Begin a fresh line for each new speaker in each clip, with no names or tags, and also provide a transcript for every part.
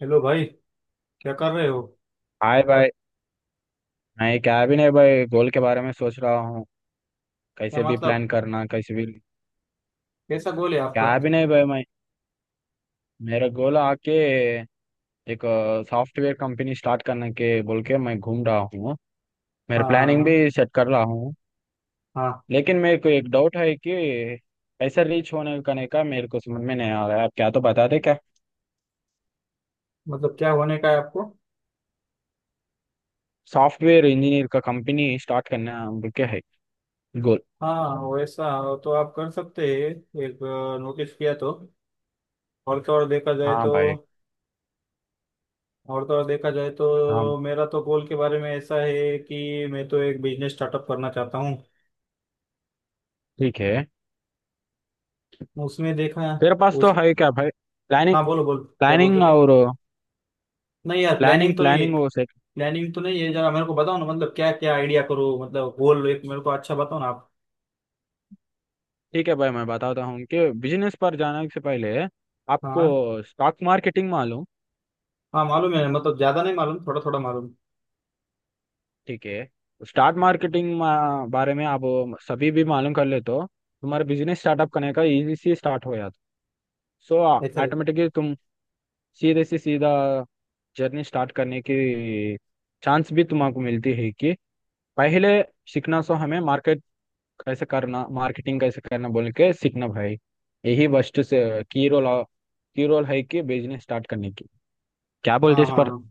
Hello भाई, क्या कर रहे हो।
हाय भाई। नहीं क्या भी नहीं भाई, गोल के बारे में सोच रहा हूँ।
क्या
कैसे भी
मतलब,
प्लान करना, कैसे भी।
कैसा गोल है आपका।
क्या भी नहीं भाई, मैं मेरा गोल आके एक सॉफ्टवेयर कंपनी स्टार्ट करने के बोल के मैं घूम रहा हूँ। मेरा
हाँ
प्लानिंग
हाँ,
भी सेट कर रहा हूँ।
हाँ हाँ।
लेकिन मेरे को एक डाउट है कि कैसे रीच होने करने का मेरे को समझ में नहीं आ रहा है। आप क्या तो बता दे क्या।
मतलब क्या होने का है आपको।
सॉफ्टवेयर इंजीनियर का कंपनी स्टार्ट करना बोल के है गोल।
हाँ वैसा तो आप कर सकते हैं। एक नोटिस किया तो। और तो और देखा जाए
हाँ
तो।
भाई,
और तो और देखा जाए
हाँ
तो मेरा तो गोल के बारे में ऐसा है कि मैं तो एक बिजनेस स्टार्टअप करना चाहता हूँ।
ठीक है,
उसमें देखा
तेरे पास तो
उस।
है क्या भाई प्लानिंग?
हाँ बोलो बोलो, क्या बोलते
प्लानिंग
थे।
और
नहीं यार,
प्लानिंग।
प्लानिंग तो नहीं,
प्लानिंग वो से
प्लानिंग तो नहीं है। जरा मेरे को बताओ ना, मतलब क्या क्या आइडिया करो, मतलब गोल एक मेरे को अच्छा बताओ ना आप।
ठीक है भाई, मैं बताता हूँ कि बिजनेस पर जाने से पहले
हाँ
आपको स्टॉक मार्केटिंग मालूम।
हाँ मालूम है, मतलब ज्यादा नहीं मालूम, थोड़ा थोड़ा मालूम।
ठीक है। स्टॉक मार्केटिंग बारे में आप सभी भी मालूम कर ले तो तुम्हारा बिजनेस स्टार्टअप करने का इजी से स्टार्ट हो जाता। सो
ऐसे।
ऑटोमेटिकली तुम सीधे से सीधा जर्नी स्टार्ट करने की चांस भी तुमको मिलती है कि पहले सीखना। सो हमें मार्केट कैसे करना, मार्केटिंग कैसे करना बोल के सीखना भाई। यही फर्स्ट से की रोल की रोल है कि बिजनेस स्टार्ट करने की। क्या
हाँ
बोलते इस
हाँ
पर?
हाँ।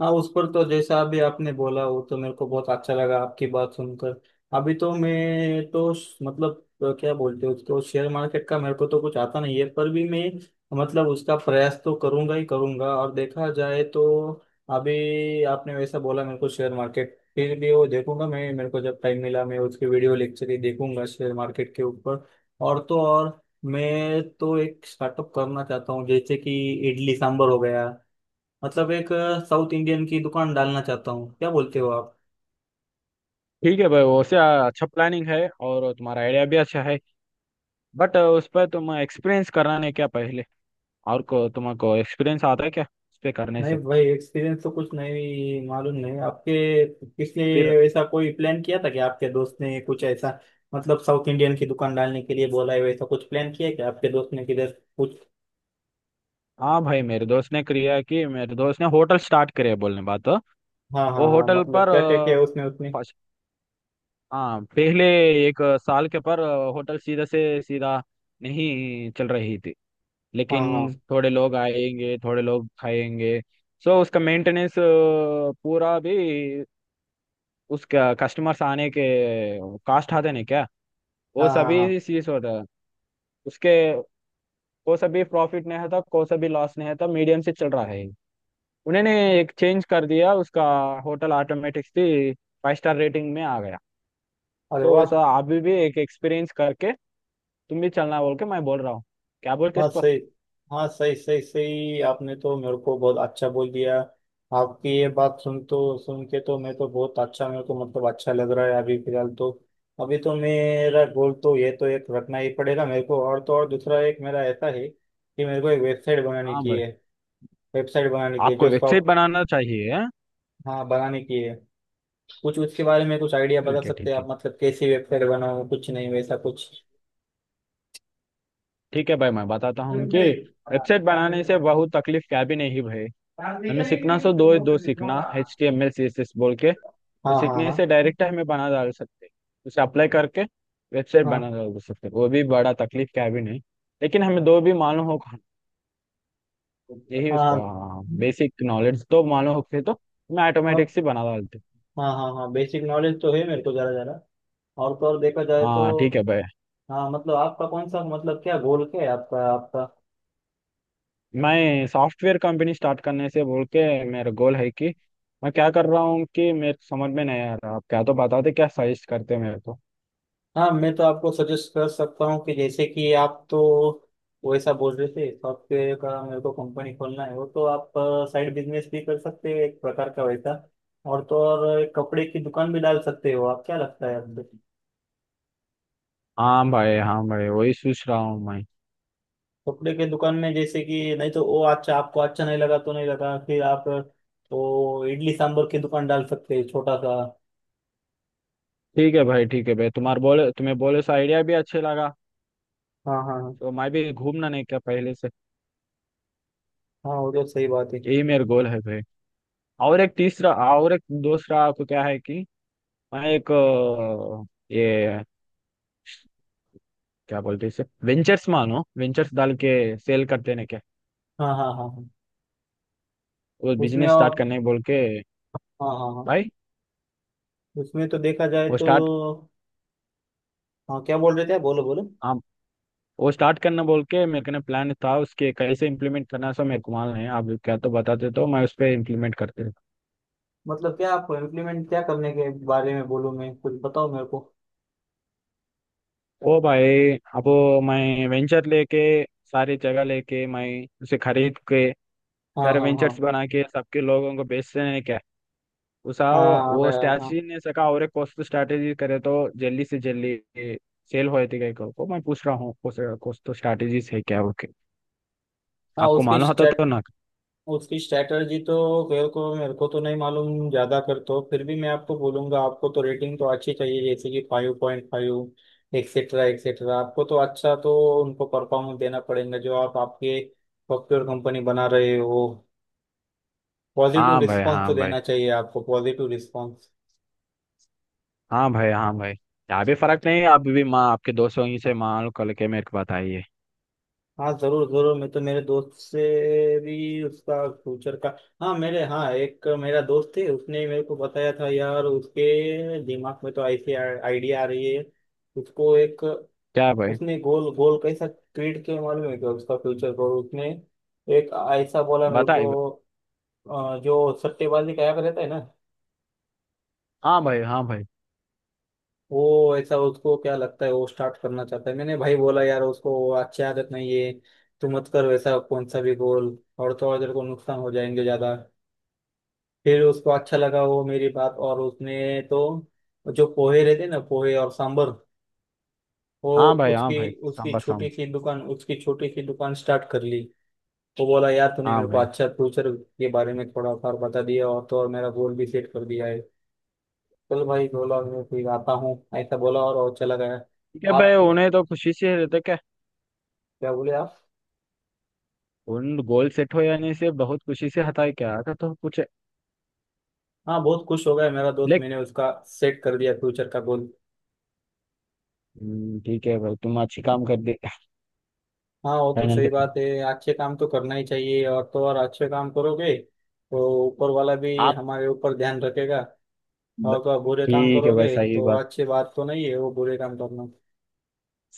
हाँ उस पर तो जैसा अभी आपने बोला वो तो मेरे को बहुत अच्छा लगा आपकी बात सुनकर। अभी तो मैं तो मतलब क्या बोलते हैं उसको शेयर मार्केट का, मेरे को तो कुछ आता नहीं है, पर भी मैं मतलब उसका प्रयास तो करूंगा ही करूंगा। और देखा जाए तो अभी आपने वैसा बोला मेरे को, शेयर मार्केट फिर भी वो देखूंगा मैं। मेरे को जब टाइम मिला मैं उसके वीडियो लेक्चर ही देखूंगा शेयर मार्केट के ऊपर। और तो और मैं तो एक स्टार्टअप करना चाहता हूँ, जैसे कि इडली सांभर हो गया, मतलब एक साउथ इंडियन की दुकान डालना चाहता हूँ। क्या बोलते हो आप।
ठीक है भाई, वैसे अच्छा प्लानिंग है और तुम्हारा आइडिया भी अच्छा है। बट उस पर तुम एक्सपीरियंस कराने क्या पहले? और को तुमको एक्सपीरियंस आता है क्या उस पे करने
नहीं
से?
भाई, एक्सपीरियंस तो कुछ नहीं मालूम। नहीं आपके किसने
फिर
ऐसा कोई प्लान किया था कि आपके दोस्त ने कुछ ऐसा, मतलब साउथ इंडियन की दुकान डालने के लिए बोला है, वैसा कुछ प्लान किया है क्या आपके दोस्त ने किधर कुछ।
हाँ भाई, मेरे दोस्त ने किया कि मेरे दोस्त ने होटल स्टार्ट करे बोलने बात। वो
हाँ हाँ हाँ,
होटल
मतलब
पर
क्या क्या किया उसने उसने।
फर्स्ट, हाँ पहले 1 साल के पर होटल सीधा से सीधा नहीं चल रही थी।
हाँ हाँ
लेकिन थोड़े लोग आएंगे, थोड़े लोग खाएंगे। सो उसका मेंटेनेंस पूरा भी, उसका कस्टमर्स आने के कास्ट आते नहीं क्या, वो
हाँ हाँ, हाँ हाँ।
सभी चीज होता है। उसके को सभी प्रॉफिट नहीं है था, को सभी लॉस नहीं है था, मीडियम से चल रहा है। उन्होंने एक चेंज कर दिया उसका। होटल ऑटोमेटिक से 5 स्टार रेटिंग में आ गया।
अरे
सो
वाह।
वैसा अभी भी एक एक्सपीरियंस करके तुम भी चलना बोल के मैं बोल रहा हूँ। क्या बोलते इस
हाँ
पर?
सही, हाँ सही सही सही, आपने तो मेरे को बहुत अच्छा बोल दिया। आपकी ये बात सुन तो, सुन के तो मैं तो बहुत अच्छा, मेरे को मतलब अच्छा लग रहा है अभी फिलहाल तो। अभी तो मेरा गोल तो ये तो एक रखना ही पड़ेगा मेरे को, और तो और दूसरा एक मेरा ऐसा है कि मेरे को एक वेबसाइट बनाने
हाँ
की
भाई,
है। वेबसाइट बनाने की है
आपको
जो
वेबसाइट
शॉप।
बनाना चाहिए हाँ?
हाँ बनाने की है। कुछ उसके बारे में कुछ आइडिया बता
ठीक है,
सकते हैं
ठीक है।
आप, मतलब कैसी वेबसाइट बनाओ कुछ, नहीं वैसा कुछ।
ठीक है भाई, मैं बताता हूँ कि वेबसाइट बनाने से बहुत तकलीफ क्या भी नहीं भाई। हमें सीखना, सो दो दो सीखना एच
हाँ,
T M L C S S बोल के
हाँ
तो सीखने
हाँ।
से डायरेक्ट हमें बना डाल सकते हैं। उसे अप्लाई करके वेबसाइट
हाँ।
बना डाल सकते हैं। वो भी बड़ा तकलीफ क्या भी नहीं। लेकिन हमें
हाँ।
दो भी मालूम हो, यही उसका
हाँ।
बेसिक नॉलेज तो मालूम हो के तो मैं
हाँ।
ऑटोमेटिक से बना डालते।
हाँ हाँ हाँ, बेसिक नॉलेज तो है मेरे को जरा जरा। और तो और देखा जाए तो।
हाँ ठीक है भाई,
हाँ मतलब आपका कौन सा, मतलब क्या गोल क्या है आपका आपका।
मैं सॉफ्टवेयर कंपनी स्टार्ट करने से बोल के मेरा गोल है कि मैं क्या कर रहा हूँ कि मेरे को समझ में नहीं आ रहा। आप क्या तो बताते, क्या सजेस्ट करते मेरे को?
हाँ मैं तो आपको सजेस्ट कर सकता हूँ कि जैसे कि आप तो वैसा बोल रहे थे, सॉफ्टवेयर का मेरे को कंपनी खोलना है, वो तो आप साइड बिजनेस भी कर सकते हो एक प्रकार का वैसा। और तो और एक कपड़े की दुकान भी डाल सकते हो आप, क्या लगता है आपको।
हाँ भाई, हाँ भाई, वही सोच रहा हूँ मैं।
कपड़े के दुकान में जैसे कि, नहीं तो वो अच्छा आपको अच्छा नहीं लगा तो नहीं लगा, फिर आप तो इडली सांभर की दुकान डाल सकते हैं छोटा सा।
ठीक है भाई, ठीक है भाई, तुम्हारे बोले, तुम्हें बोले से आइडिया भी अच्छे लगा,
हाँ हाँ हाँ।
तो मैं भी घूमना नहीं क्या पहले से।
हाँ वो तो सही बात है।
यही मेरा गोल है भाई। और एक तीसरा और एक दूसरा आपको क्या है कि मैं एक ये क्या बोलते हैं इसे वेंचर्स, मानो वेंचर्स डाल के सेल करते हैं क्या,
हाँ हाँ हाँ हाँ।
वो
उसमें
बिजनेस स्टार्ट
और।
करने बोल के
हाँ हाँ हाँ।
भाई।
उसमें तो देखा जाए
वो
तो।
स्टार्ट,
हाँ, क्या बोल रहे थे आप? बोलो बोलो।
हाँ वो स्टार्ट करना बोल के मेरे को ना प्लान था उसके। कैसे इम्प्लीमेंट करना सो मेरे को मालूम है। आप क्या तो बताते तो मैं उस पर इम्प्लीमेंट करते।
मतलब क्या आपको इम्प्लीमेंट, क्या करने के बारे में बोलूँ मैं, कुछ बताओ मेरे को।
ओ भाई, अब मैं वेंचर लेके, सारी जगह लेके, मैं उसे खरीद के
हाँ
सारे
हाँ हाँ।
वेंचर्स बना के सबके लोगों को बेचते हैं क्या। उसा
हाँ आ
वो
गया हाँ।
स्ट्रैटेजी ने सका और एक कॉस्ट स्ट्रैटेजी करे तो जल्दी से जल्दी सेल हो जाती। को मैं पूछ रहा हूँ कॉस्ट स्ट्रैटेजीज है क्या ओके?
हाँ
आपको
उसके,
मालूम होता तो ना?
उसकी स्ट्रैटेजी तो मेरे को तो नहीं मालूम ज्यादा कर। तो फिर भी मैं आपको बोलूंगा, आपको तो रेटिंग तो अच्छी चाहिए जैसे कि five point five etcetera etcetera. आपको तो अच्छा तो उनको परफॉर्मेंस देना पड़ेगा, जो आप आपके सॉफ्टवेयर कंपनी बना रहे हो। पॉजिटिव
हाँ भाई,
रिस्पॉन्स तो
हाँ भाई।
देना चाहिए आपको, पॉजिटिव रिस्पॉन्स।
हाँ भाई, हाँ भाई, यहाँ भी फर्क नहीं है। आप भी माँ आपके दोस्तों ही से मान लो, कल के मेरे को बताइए।
हाँ जरूर जरूर, मैं तो मेरे दोस्त से भी उसका फ्यूचर का। हाँ मेरे, हाँ एक मेरा दोस्त है, उसने मेरे को बताया था यार उसके दिमाग में तो ऐसी आइडिया आ रही है। उसको एक,
क्या भाई,
उसने गोल गोल कैसा क्रिएट किया मालूम है क्या, उसका फ्यूचर गोल उसने एक ऐसा बोला मेरे को।
बताइए।
जो सट्टेबाजी का ऐप रहता है ना,
हाँ भाई, हाँ भाई।
वो ऐसा उसको क्या लगता है वो स्टार्ट करना चाहता है। मैंने भाई बोला यार उसको वो अच्छी आदत नहीं है, तू मत कर वैसा कौन सा भी गोल, और थोड़ा देर को नुकसान हो जाएंगे ज्यादा। फिर उसको अच्छा लगा वो मेरी बात, और उसने तो जो पोहे रहते ना, पोहे और सांबर, वो
हाँ भाई, हाँ
उसकी
भाई।
उसकी
सांबर
छोटी
सांबर।
सी दुकान, स्टार्ट कर ली। वो बोला यार तूने
हाँ
मेरे को
भाई।
अच्छा फ्यूचर के बारे में थोड़ा सा बता दिया और तो और मेरा गोल भी सेट कर दिया है। चल भाई बोला, मैं फिर आता हूँ ऐसा बोला और चला गया।
ठीक है भाई,
आप,
उन्हें तो खुशी से रहते क्या?
क्या बोले आप।
उन गोल सेट हो यानी से बहुत खुशी से हटाए क्या था तो कुछ?
हाँ बहुत खुश हो गया मेरा दोस्त,
लेक
मैंने उसका सेट कर दिया फ्यूचर का गोल।
ठीक है भाई, तुम अच्छी काम कर दे।
हाँ वो तो सही
फाइनल
बात है। अच्छे काम तो करना ही चाहिए, और तो और अच्छे काम करोगे तो ऊपर वाला भी
आप।
हमारे ऊपर ध्यान रखेगा। और तो आप बुरे काम
ठीक है भाई,
करोगे
सही
तो
बात।
अच्छी बात तो नहीं है वो बुरे काम करना।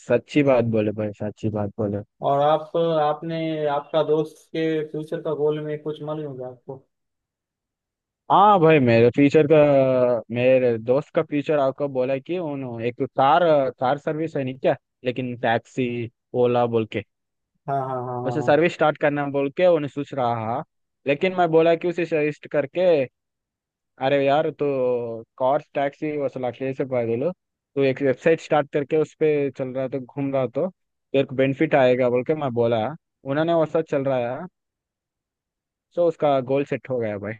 सच्ची बात बोले भाई, सच्ची बात बोले।
और आप आपने, आपका दोस्त के फ्यूचर का गोल में कुछ मालूम होगा आपको।
हाँ भाई, मेरे फ्यूचर का, मेरे दोस्त का फ्यूचर आपको बोला कि उन्हों एक कार, कार सर्विस है नहीं क्या, लेकिन टैक्सी ओला बोल के
हाँ हाँ हाँ हाँ
उसे
हाँ।
सर्विस स्टार्ट करना बोल के उन्हें सोच रहा। लेकिन मैं बोला कि उसे सजेस्ट करके, अरे यार तो कार टैक्सी वसल अकेले से पैदल तो एक वेबसाइट स्टार्ट करके उस पर चल रहा तो घूम रहा तो तेरे को बेनिफिट आएगा बोल के मैं बोला। उन्होंने वैसा चल रहा है। सो उसका गोल सेट हो गया भाई।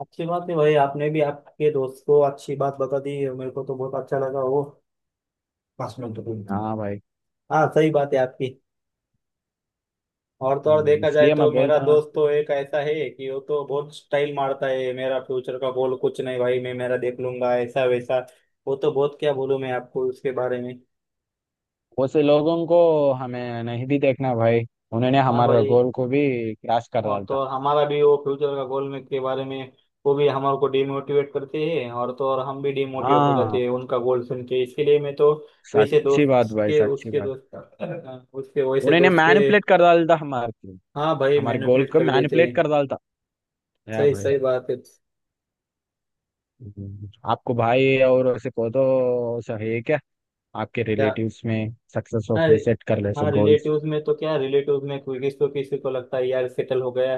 अच्छी बात है भाई, आपने भी आपके दोस्त को अच्छी बात बता दी है, मेरे को तो बहुत अच्छा लगा वो। पास में तो कोई नहीं।
हाँ भाई।
हाँ सही बात है आपकी। और तो और देखा जाए
इसलिए मैं
तो, मेरा
बोलता
दोस्त तो एक ऐसा है कि वो तो बहुत स्टाइल मारता है, मेरा फ्यूचर का गोल कुछ नहीं भाई, मैं मेरा देख लूंगा ऐसा वैसा। वो तो बहुत क्या बोलूं मैं आपको उसके बारे में।
वैसे लोगों को हमें नहीं भी देखना भाई। उन्होंने
हाँ
हमारे
भाई।
गोल को भी क्रैश कर
और
डाला
तो
था।
और हमारा भी वो फ्यूचर का गोल में के बारे में, वो भी हमारे को डिमोटिवेट करते हैं, और तो और हम भी डिमोटिवेट हो
हाँ,
जाते हैं उनका गोल सुन के। इसके लिए मैं तो वैसे
सच्ची बात
दोस्त
भाई,
के,
सच्ची
उसके
बात।
दोस्त उसके वैसे
उन्होंने
दोस्त के।
मैनिपुलेट कर डाला था हमारे को।
हाँ भाई,
हमारे गोल
मैनिपुलेट
को
कर देते
मैनिपुलेट
हैं।
कर डाला था या
सही
भाई।
सही बात है।
हम्म। आपको भाई और ऐसे को तो सही है क्या? आपके
क्या।
रिलेटिव्स में सक्सेस
हाँ।
होके सेट कर ले सो
हाँ
गोल्स।
रिलेटिव्स में तो क्या, रिलेटिव्स में कोई किसी को लगता है यार सेटल हो गया,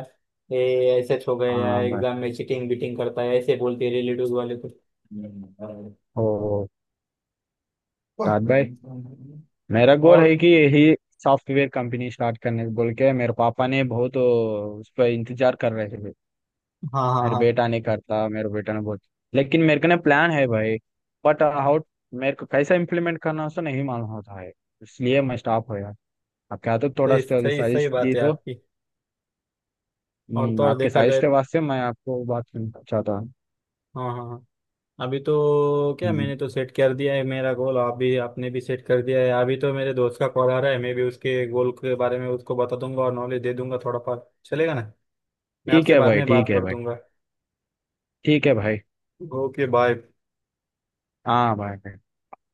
ये ऐसे हो गया,
हाँ भाई,
एग्जाम में चीटिंग बीटिंग करता है, ऐसे बोलते हैं रिलेटिव्स वाले तो।
ओ साथ भाई, मेरा गोल
और।
है कि यही सॉफ्टवेयर कंपनी स्टार्ट करने बोल के मेरे पापा ने बहुत उस पर इंतजार कर रहे थे।
हाँ हाँ
मेरे
हाँ।
बेटा नहीं करता मेरे बेटा ने बहुत। लेकिन मेरे को ना प्लान है भाई। बट हाउ, मेरे को कैसा इम्प्लीमेंट करना है उसको नहीं मालूम होता है। इसलिए मैं स्टॉप हो गया। आप क्या तो थोड़ा
सही सही सही
साजिश
बात
दी
है
तो।
आपकी। और तो और
आपके
देखा
साजिश
जाए।
के वास्ते मैं आपको बात करना चाहता हूँ।
हाँ हाँ हाँ। अभी तो क्या
हम्म।
मैंने तो सेट कर दिया है मेरा गोल, आप भी आपने भी सेट कर दिया है। अभी तो मेरे दोस्त का कॉल आ रहा है, मैं भी उसके गोल के बारे में उसको बता दूंगा और नॉलेज दे दूंगा थोड़ा बहुत, चलेगा ना। मैं
ठीक
आपसे
है
बाद
भाई,
में बात
ठीक है
कर
भाई,
दूंगा।
ठीक है भाई।
Okay bye.
हाँ भाई।